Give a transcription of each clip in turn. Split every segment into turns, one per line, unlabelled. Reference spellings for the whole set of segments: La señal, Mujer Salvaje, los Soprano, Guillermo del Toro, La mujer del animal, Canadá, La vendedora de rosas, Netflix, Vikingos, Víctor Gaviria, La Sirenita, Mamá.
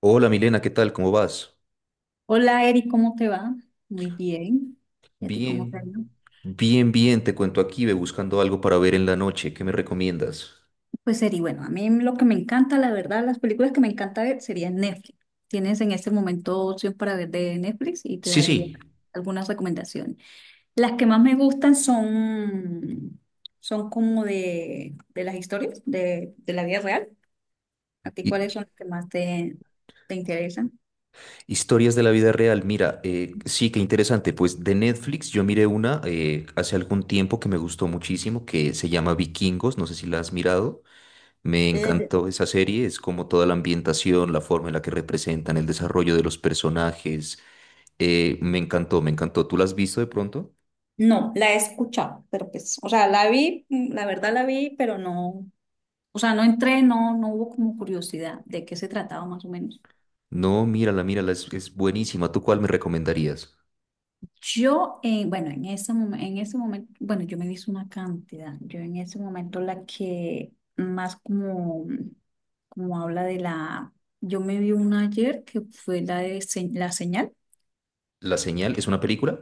Hola Milena, ¿qué tal? ¿Cómo vas?
Hola Eri, ¿cómo te va? Muy bien. ¿Y a ti cómo te va?
Bien, bien, te cuento aquí, ve buscando algo para ver en la noche, ¿qué me recomiendas?
Pues Eri, bueno, a mí lo que me encanta, la verdad, las películas que me encanta ver serían Netflix. Tienes en este momento opción para ver de Netflix y te
Sí,
daría
sí,
algunas recomendaciones. Las que más me gustan son como de las historias de la vida real. ¿A ti
hi-
cuáles son las que más te interesan?
historias de la vida real. Mira, sí, qué interesante. Pues de Netflix yo miré una hace algún tiempo que me gustó muchísimo, que se llama Vikingos, no sé si la has mirado. Me
Eh,
encantó esa serie, es como toda la ambientación, la forma en la que representan el desarrollo de los personajes. Me encantó, me encantó. ¿Tú la has visto de pronto?
No, la he escuchado, pero pues, o sea, la vi, la verdad la vi, pero no. O sea, no entré, no hubo como curiosidad de qué se trataba más o menos.
No, mírala, mírala, es buenísima. ¿Tú cuál me recomendarías?
Yo, bueno, en ese momento, bueno, yo me hice una cantidad. Yo en ese momento la que más como, como habla yo me vi una ayer que fue la la señal.
¿La señal es una película?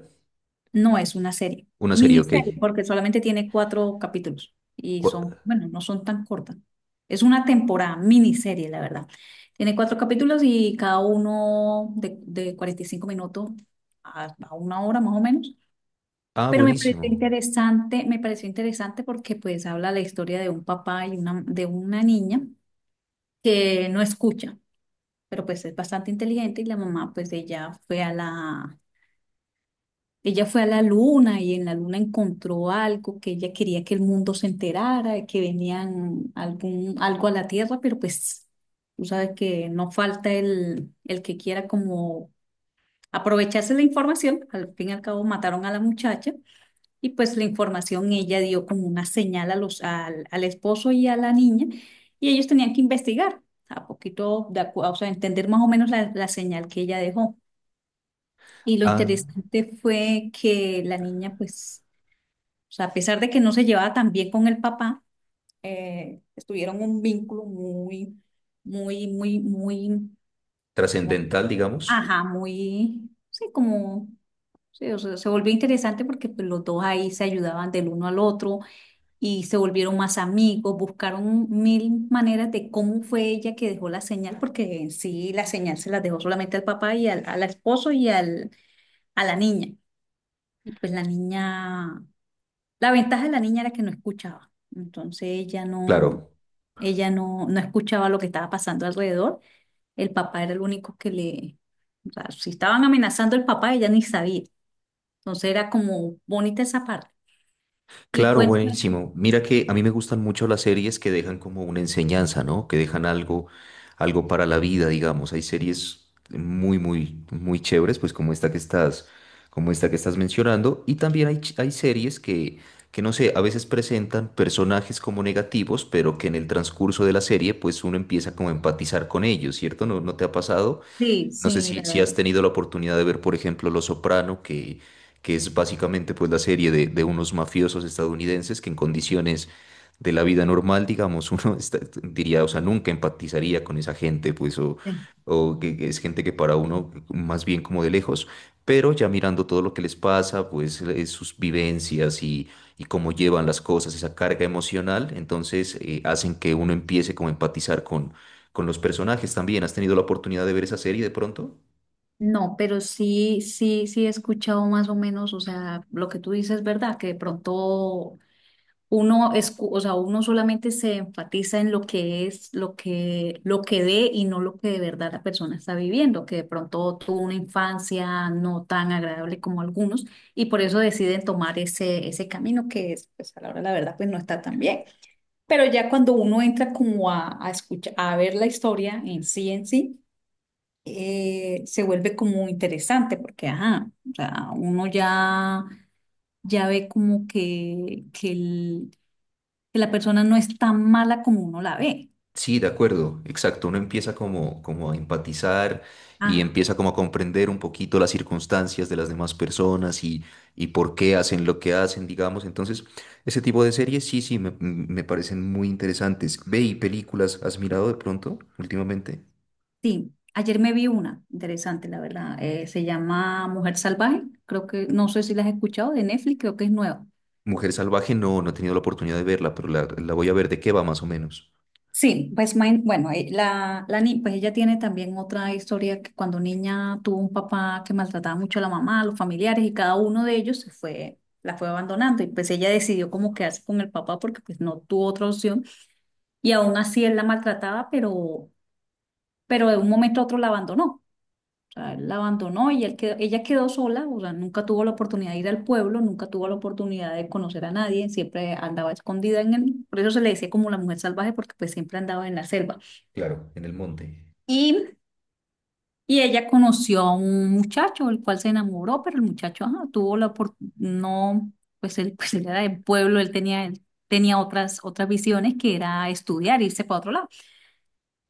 No es una serie,
Una serie, ok.
miniserie, porque solamente tiene cuatro capítulos y
Cu-
son, bueno, no son tan cortas. Es una temporada, miniserie, la verdad. Tiene cuatro capítulos y cada uno de 45 minutos a una hora más o menos.
Ah,
Pero
buenísimo.
me pareció interesante porque pues habla la historia de un papá y de una niña que no escucha, pero pues es bastante inteligente y la mamá pues Ella fue a la luna y en la luna encontró algo que ella quería que el mundo se enterara, que venían algo a la Tierra, pero pues tú sabes que no falta el que quiera como aprovecharse la información. Al fin y al cabo mataron a la muchacha y pues la información ella dio como una señal a al esposo y a la niña y ellos tenían que investigar a poquito, o sea, entender más o menos la señal que ella dejó. Y lo
Ah,
interesante fue que la niña pues, o sea, a pesar de que no se llevaba tan bien con el papá, estuvieron un vínculo muy, muy, muy, muy, como,
trascendental, digamos.
ajá, muy, sí, como, sí, o sea, se volvió interesante porque pues, los dos ahí se ayudaban del uno al otro y se volvieron más amigos, buscaron mil maneras de cómo fue ella que dejó la señal, porque en sí la señal se la dejó solamente al papá y al esposo y a la niña. Y pues La ventaja de la niña era que no escuchaba, entonces
Claro.
ella no, no escuchaba lo que estaba pasando alrededor. El papá era el único o sea, si estaban amenazando el papá, ella ni sabía. Entonces era como bonita esa parte. Y
Claro,
cuéntame,
buenísimo. Mira que a mí me gustan mucho las series que dejan como una enseñanza, ¿no? Que dejan algo, algo para la vida, digamos. Hay series muy, muy, muy chéveres, pues como esta que estás mencionando. Y también hay, hay series que, no sé, a veces presentan personajes como negativos, pero que en el transcurso de la serie, pues uno empieza como a empatizar con ellos, ¿cierto? ¿No, no te ha pasado?
sí,
No sé
sí, la
si, si has
verdad.
tenido la oportunidad de ver, por ejemplo, los Soprano, que es básicamente pues la serie de unos mafiosos estadounidenses que en condiciones de la vida normal, digamos, diría, o sea, nunca empatizaría con esa gente, pues, o que es gente que para uno más bien como de lejos, pero ya mirando todo lo que les pasa, pues, sus vivencias y cómo llevan las cosas, esa carga emocional. Entonces hacen que uno empiece como a empatizar con los personajes también. ¿Has tenido la oportunidad de ver esa serie de pronto?
No, pero sí, sí, sí he escuchado más o menos, o sea, lo que tú dices, ¿verdad? Que de pronto, o sea, uno solamente se enfatiza en lo que es, lo que ve y no lo que de verdad la persona está viviendo, que de pronto tuvo una infancia no tan agradable como algunos y por eso deciden tomar ese camino que es, pues a la hora de la verdad, pues no está tan bien. Pero ya cuando uno entra como a escuchar, a ver la historia en sí, se vuelve como interesante porque, ajá, o sea, uno ya ve como que la persona no es tan mala como uno la ve.
Sí, de acuerdo, exacto. Uno empieza como, como a empatizar y
Ah,
empieza como a comprender un poquito las circunstancias de las demás personas y por qué hacen lo que hacen, digamos. Entonces, ese tipo de series sí, sí, me parecen muy interesantes. Ve y películas, ¿has mirado de pronto últimamente?
sí, ayer me vi una interesante, la verdad. Se llama Mujer Salvaje. Creo que, no sé si la has escuchado de Netflix, creo que es nueva.
Mujer Salvaje, no, no he tenido la oportunidad de verla, pero la voy a ver. ¿De qué va más o menos?
Sí, pues bueno, la, la ni- pues ella tiene también otra historia que cuando niña tuvo un papá que maltrataba mucho a la mamá, a los familiares y cada uno de ellos se fue, la fue abandonando y pues ella decidió como quedarse con el papá porque pues no tuvo otra opción y aún así él la maltrataba, pero de un momento a otro la abandonó. O sea, él la abandonó y ella quedó sola, o sea, nunca tuvo la oportunidad de ir al pueblo, nunca tuvo la oportunidad de conocer a nadie, siempre andaba escondida en el, por eso se le decía como la mujer salvaje, porque pues siempre andaba en la selva.
Claro, en el monte.
Y, y ella conoció a un muchacho, el cual se enamoró, pero el muchacho, ajá, tuvo la oportunidad, no, pues él era del pueblo, él tenía otras visiones que era estudiar, irse para otro lado.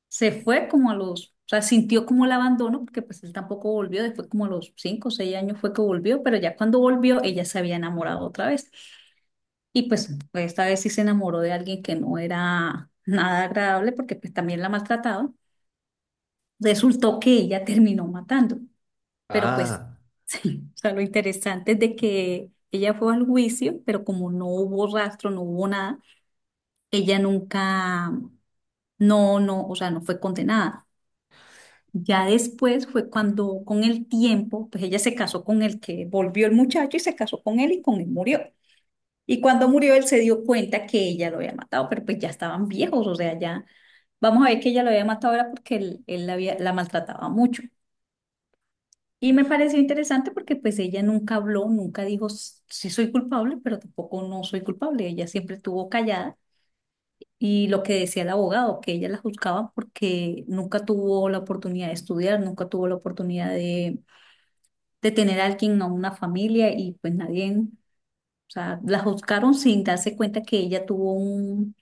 Se fue como o sea, sintió como el abandono, porque pues él tampoco volvió, después como a los 5 o 6 años fue que volvió, pero ya cuando volvió ella se había enamorado otra vez. Y pues, esta vez sí se enamoró de alguien que no era nada agradable, porque pues también la maltrataba. Resultó que ella terminó matando, pero pues
Ah,
sí, o sea, lo interesante es de que ella fue al juicio, pero como no hubo rastro, no hubo nada, ella nunca, no, no, o sea, no fue condenada. Ya después fue cuando con el tiempo, pues ella se casó con el que volvió el muchacho y se casó con él y con él murió. Y cuando murió él se dio cuenta que ella lo había matado, pero pues ya estaban viejos, o sea, ya vamos a ver que ella lo había matado era porque él la maltrataba mucho. Y me pareció interesante porque pues ella nunca habló, nunca dijo, Sí, soy culpable, pero tampoco no soy culpable". Ella siempre estuvo callada. Y lo que decía el abogado, que ella la juzgaba porque nunca tuvo la oportunidad de estudiar, nunca tuvo la oportunidad de tener a alguien, a una familia, y pues nadie, o sea, la juzgaron sin darse cuenta que ella tuvo un,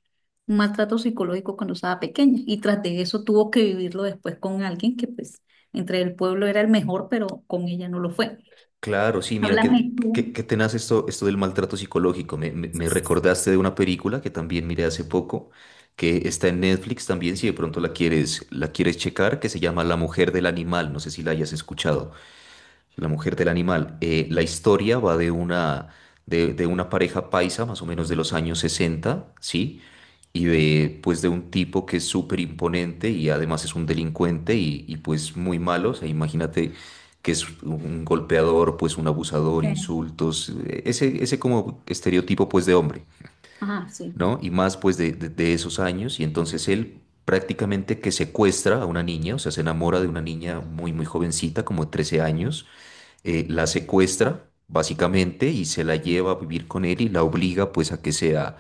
un maltrato psicológico cuando estaba pequeña, y tras de eso tuvo que vivirlo después con alguien que pues entre el pueblo era el mejor, pero con ella no lo fue.
claro, sí. Mira,
Háblame tú.
qué tenaz esto, esto del maltrato psicológico. Me recordaste de una película que también miré hace poco, que está en Netflix también, si de pronto la quieres checar, que se llama La mujer del animal. No sé si la hayas escuchado. La mujer del animal. La historia va de una, de una pareja paisa, más o menos de los años 60, ¿sí? Y de, pues, de un tipo que es súper imponente y además es un delincuente pues muy malo. O sea, imagínate que es un golpeador, pues un abusador,
eh,
insultos, ese como estereotipo pues de hombre,
Ah, sí.
¿no? Y más pues de, de esos años. Y entonces él prácticamente que secuestra a una niña, o sea, se enamora de una niña muy, muy jovencita, como de 13 años. La
Ah,
secuestra básicamente y se la lleva a vivir con él y la obliga pues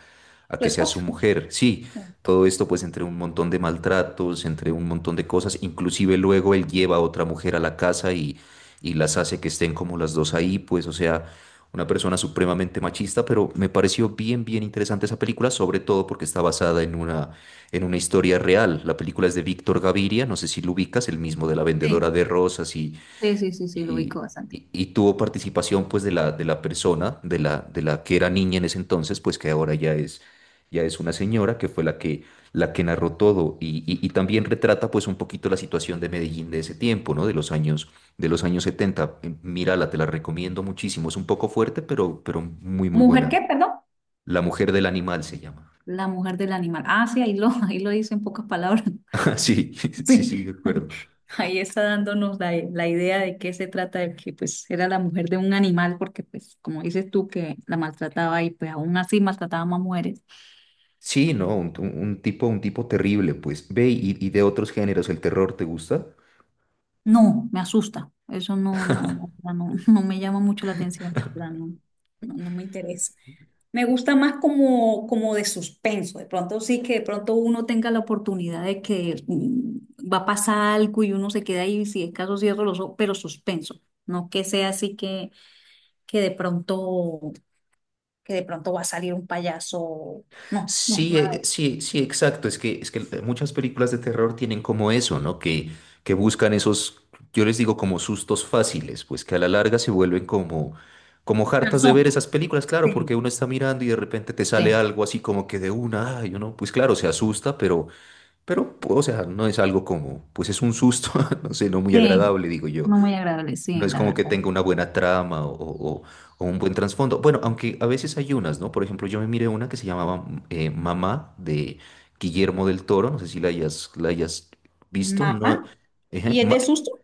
a
tu
que sea su
esposa.
mujer. Sí, todo esto pues entre un montón de maltratos, entre un montón de cosas. Inclusive luego él lleva a otra mujer a la casa y las hace que estén como las dos ahí, pues o sea, una persona supremamente machista. Pero me pareció bien bien interesante esa película, sobre todo porque está basada en una, en una historia real. La película es de Víctor Gaviria, no sé si lo ubicas, el mismo de La vendedora
Sí,
de rosas
sí, sí, sí, sí, lo
y,
ubico bastante.
y tuvo participación pues de la persona, de la que era niña en ese entonces, pues que ahora ya es una señora, que fue la que narró todo y también retrata pues un poquito la situación de Medellín de ese tiempo, ¿no? De los años setenta. Mírala, te la recomiendo muchísimo, es un poco fuerte, pero muy, muy
¿Mujer qué,
buena.
perdón?
La mujer del animal se llama.
La mujer del animal. Ah, sí, ahí lo dice en pocas palabras.
Sí, sí, sí, de
Sí, ahí
acuerdo.
ahí está dándonos la idea de qué se trata, de que pues era la mujer de un animal, porque pues como dices tú que la maltrataba y pues aún así maltrataba más mujeres.
Sí, no, un tipo terrible, pues. Ve y de otros géneros, ¿el terror te gusta?
No, me asusta. Eso no, no, no, la verdad, no, no me llama mucho la atención, la verdad, no, no, no me interesa. Me gusta más como de suspenso. De pronto sí que de pronto uno tenga la oportunidad de que va a pasar algo y uno se queda ahí, si es caso cierro los ojos, pero suspenso. No que sea así que de pronto, va a salir un payaso. No, no,
Sí,
nada de eso.
sí, sí, exacto. Es que muchas películas de terror tienen como eso, ¿no? Que buscan esos, yo les digo como sustos fáciles, pues que a la larga se vuelven como, como hartas de
Canzón.
ver esas películas, claro,
Sí,
porque uno está mirando y de repente te sale
sí,
algo así como que de una, ay, uno, pues claro, se asusta, pero, o sea, no es algo como, pues es un susto, no sé, no muy
sí.
agradable, digo yo.
No muy agradable,
No
sí,
es
la
como que
verdad.
tenga una buena trama o un buen trasfondo. Bueno, aunque a veces hay unas, ¿no? Por ejemplo, yo me miré una que se llamaba Mamá de Guillermo del Toro. No sé si la hayas, la hayas visto. No,
Mamá.
ejé,
¿Y es de susto?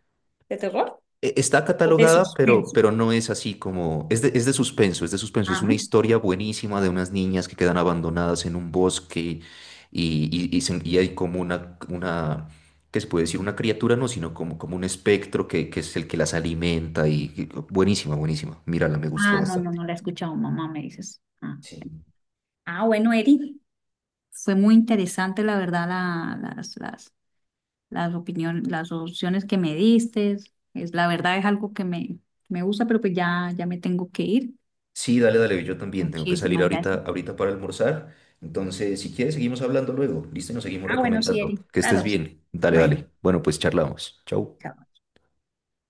¿De terror?
Está
¿O de
catalogada,
suspenso?
pero no es así como... es de suspenso, es de suspenso. Es una
Ajá.
historia buenísima de unas niñas que quedan abandonadas en un bosque y hay como una... ¿Qué se puede decir? Una criatura, no, sino como, como un espectro que es el que las alimenta y... Buenísima, buenísima. Mírala, me gustó
Ah, no, no,
bastante.
no la he escuchado, mamá, me dices. Ah.
Sí.
Ah, bueno, Eri. Fue muy interesante, la verdad, las opiniones, las opciones que me diste. La verdad es algo que me gusta, pero pues ya, ya me tengo que ir.
Sí, dale, dale, yo también tengo que salir
Muchísimas gracias.
ahorita, ahorita para almorzar. Entonces, si quieres, seguimos hablando luego. Listo, y nos seguimos
Ah, bueno, sí,
recomendando.
Eri.
Que estés
Claro. Sí.
bien. Dale,
Bueno,
dale. Bueno, pues charlamos. Chau.
chao.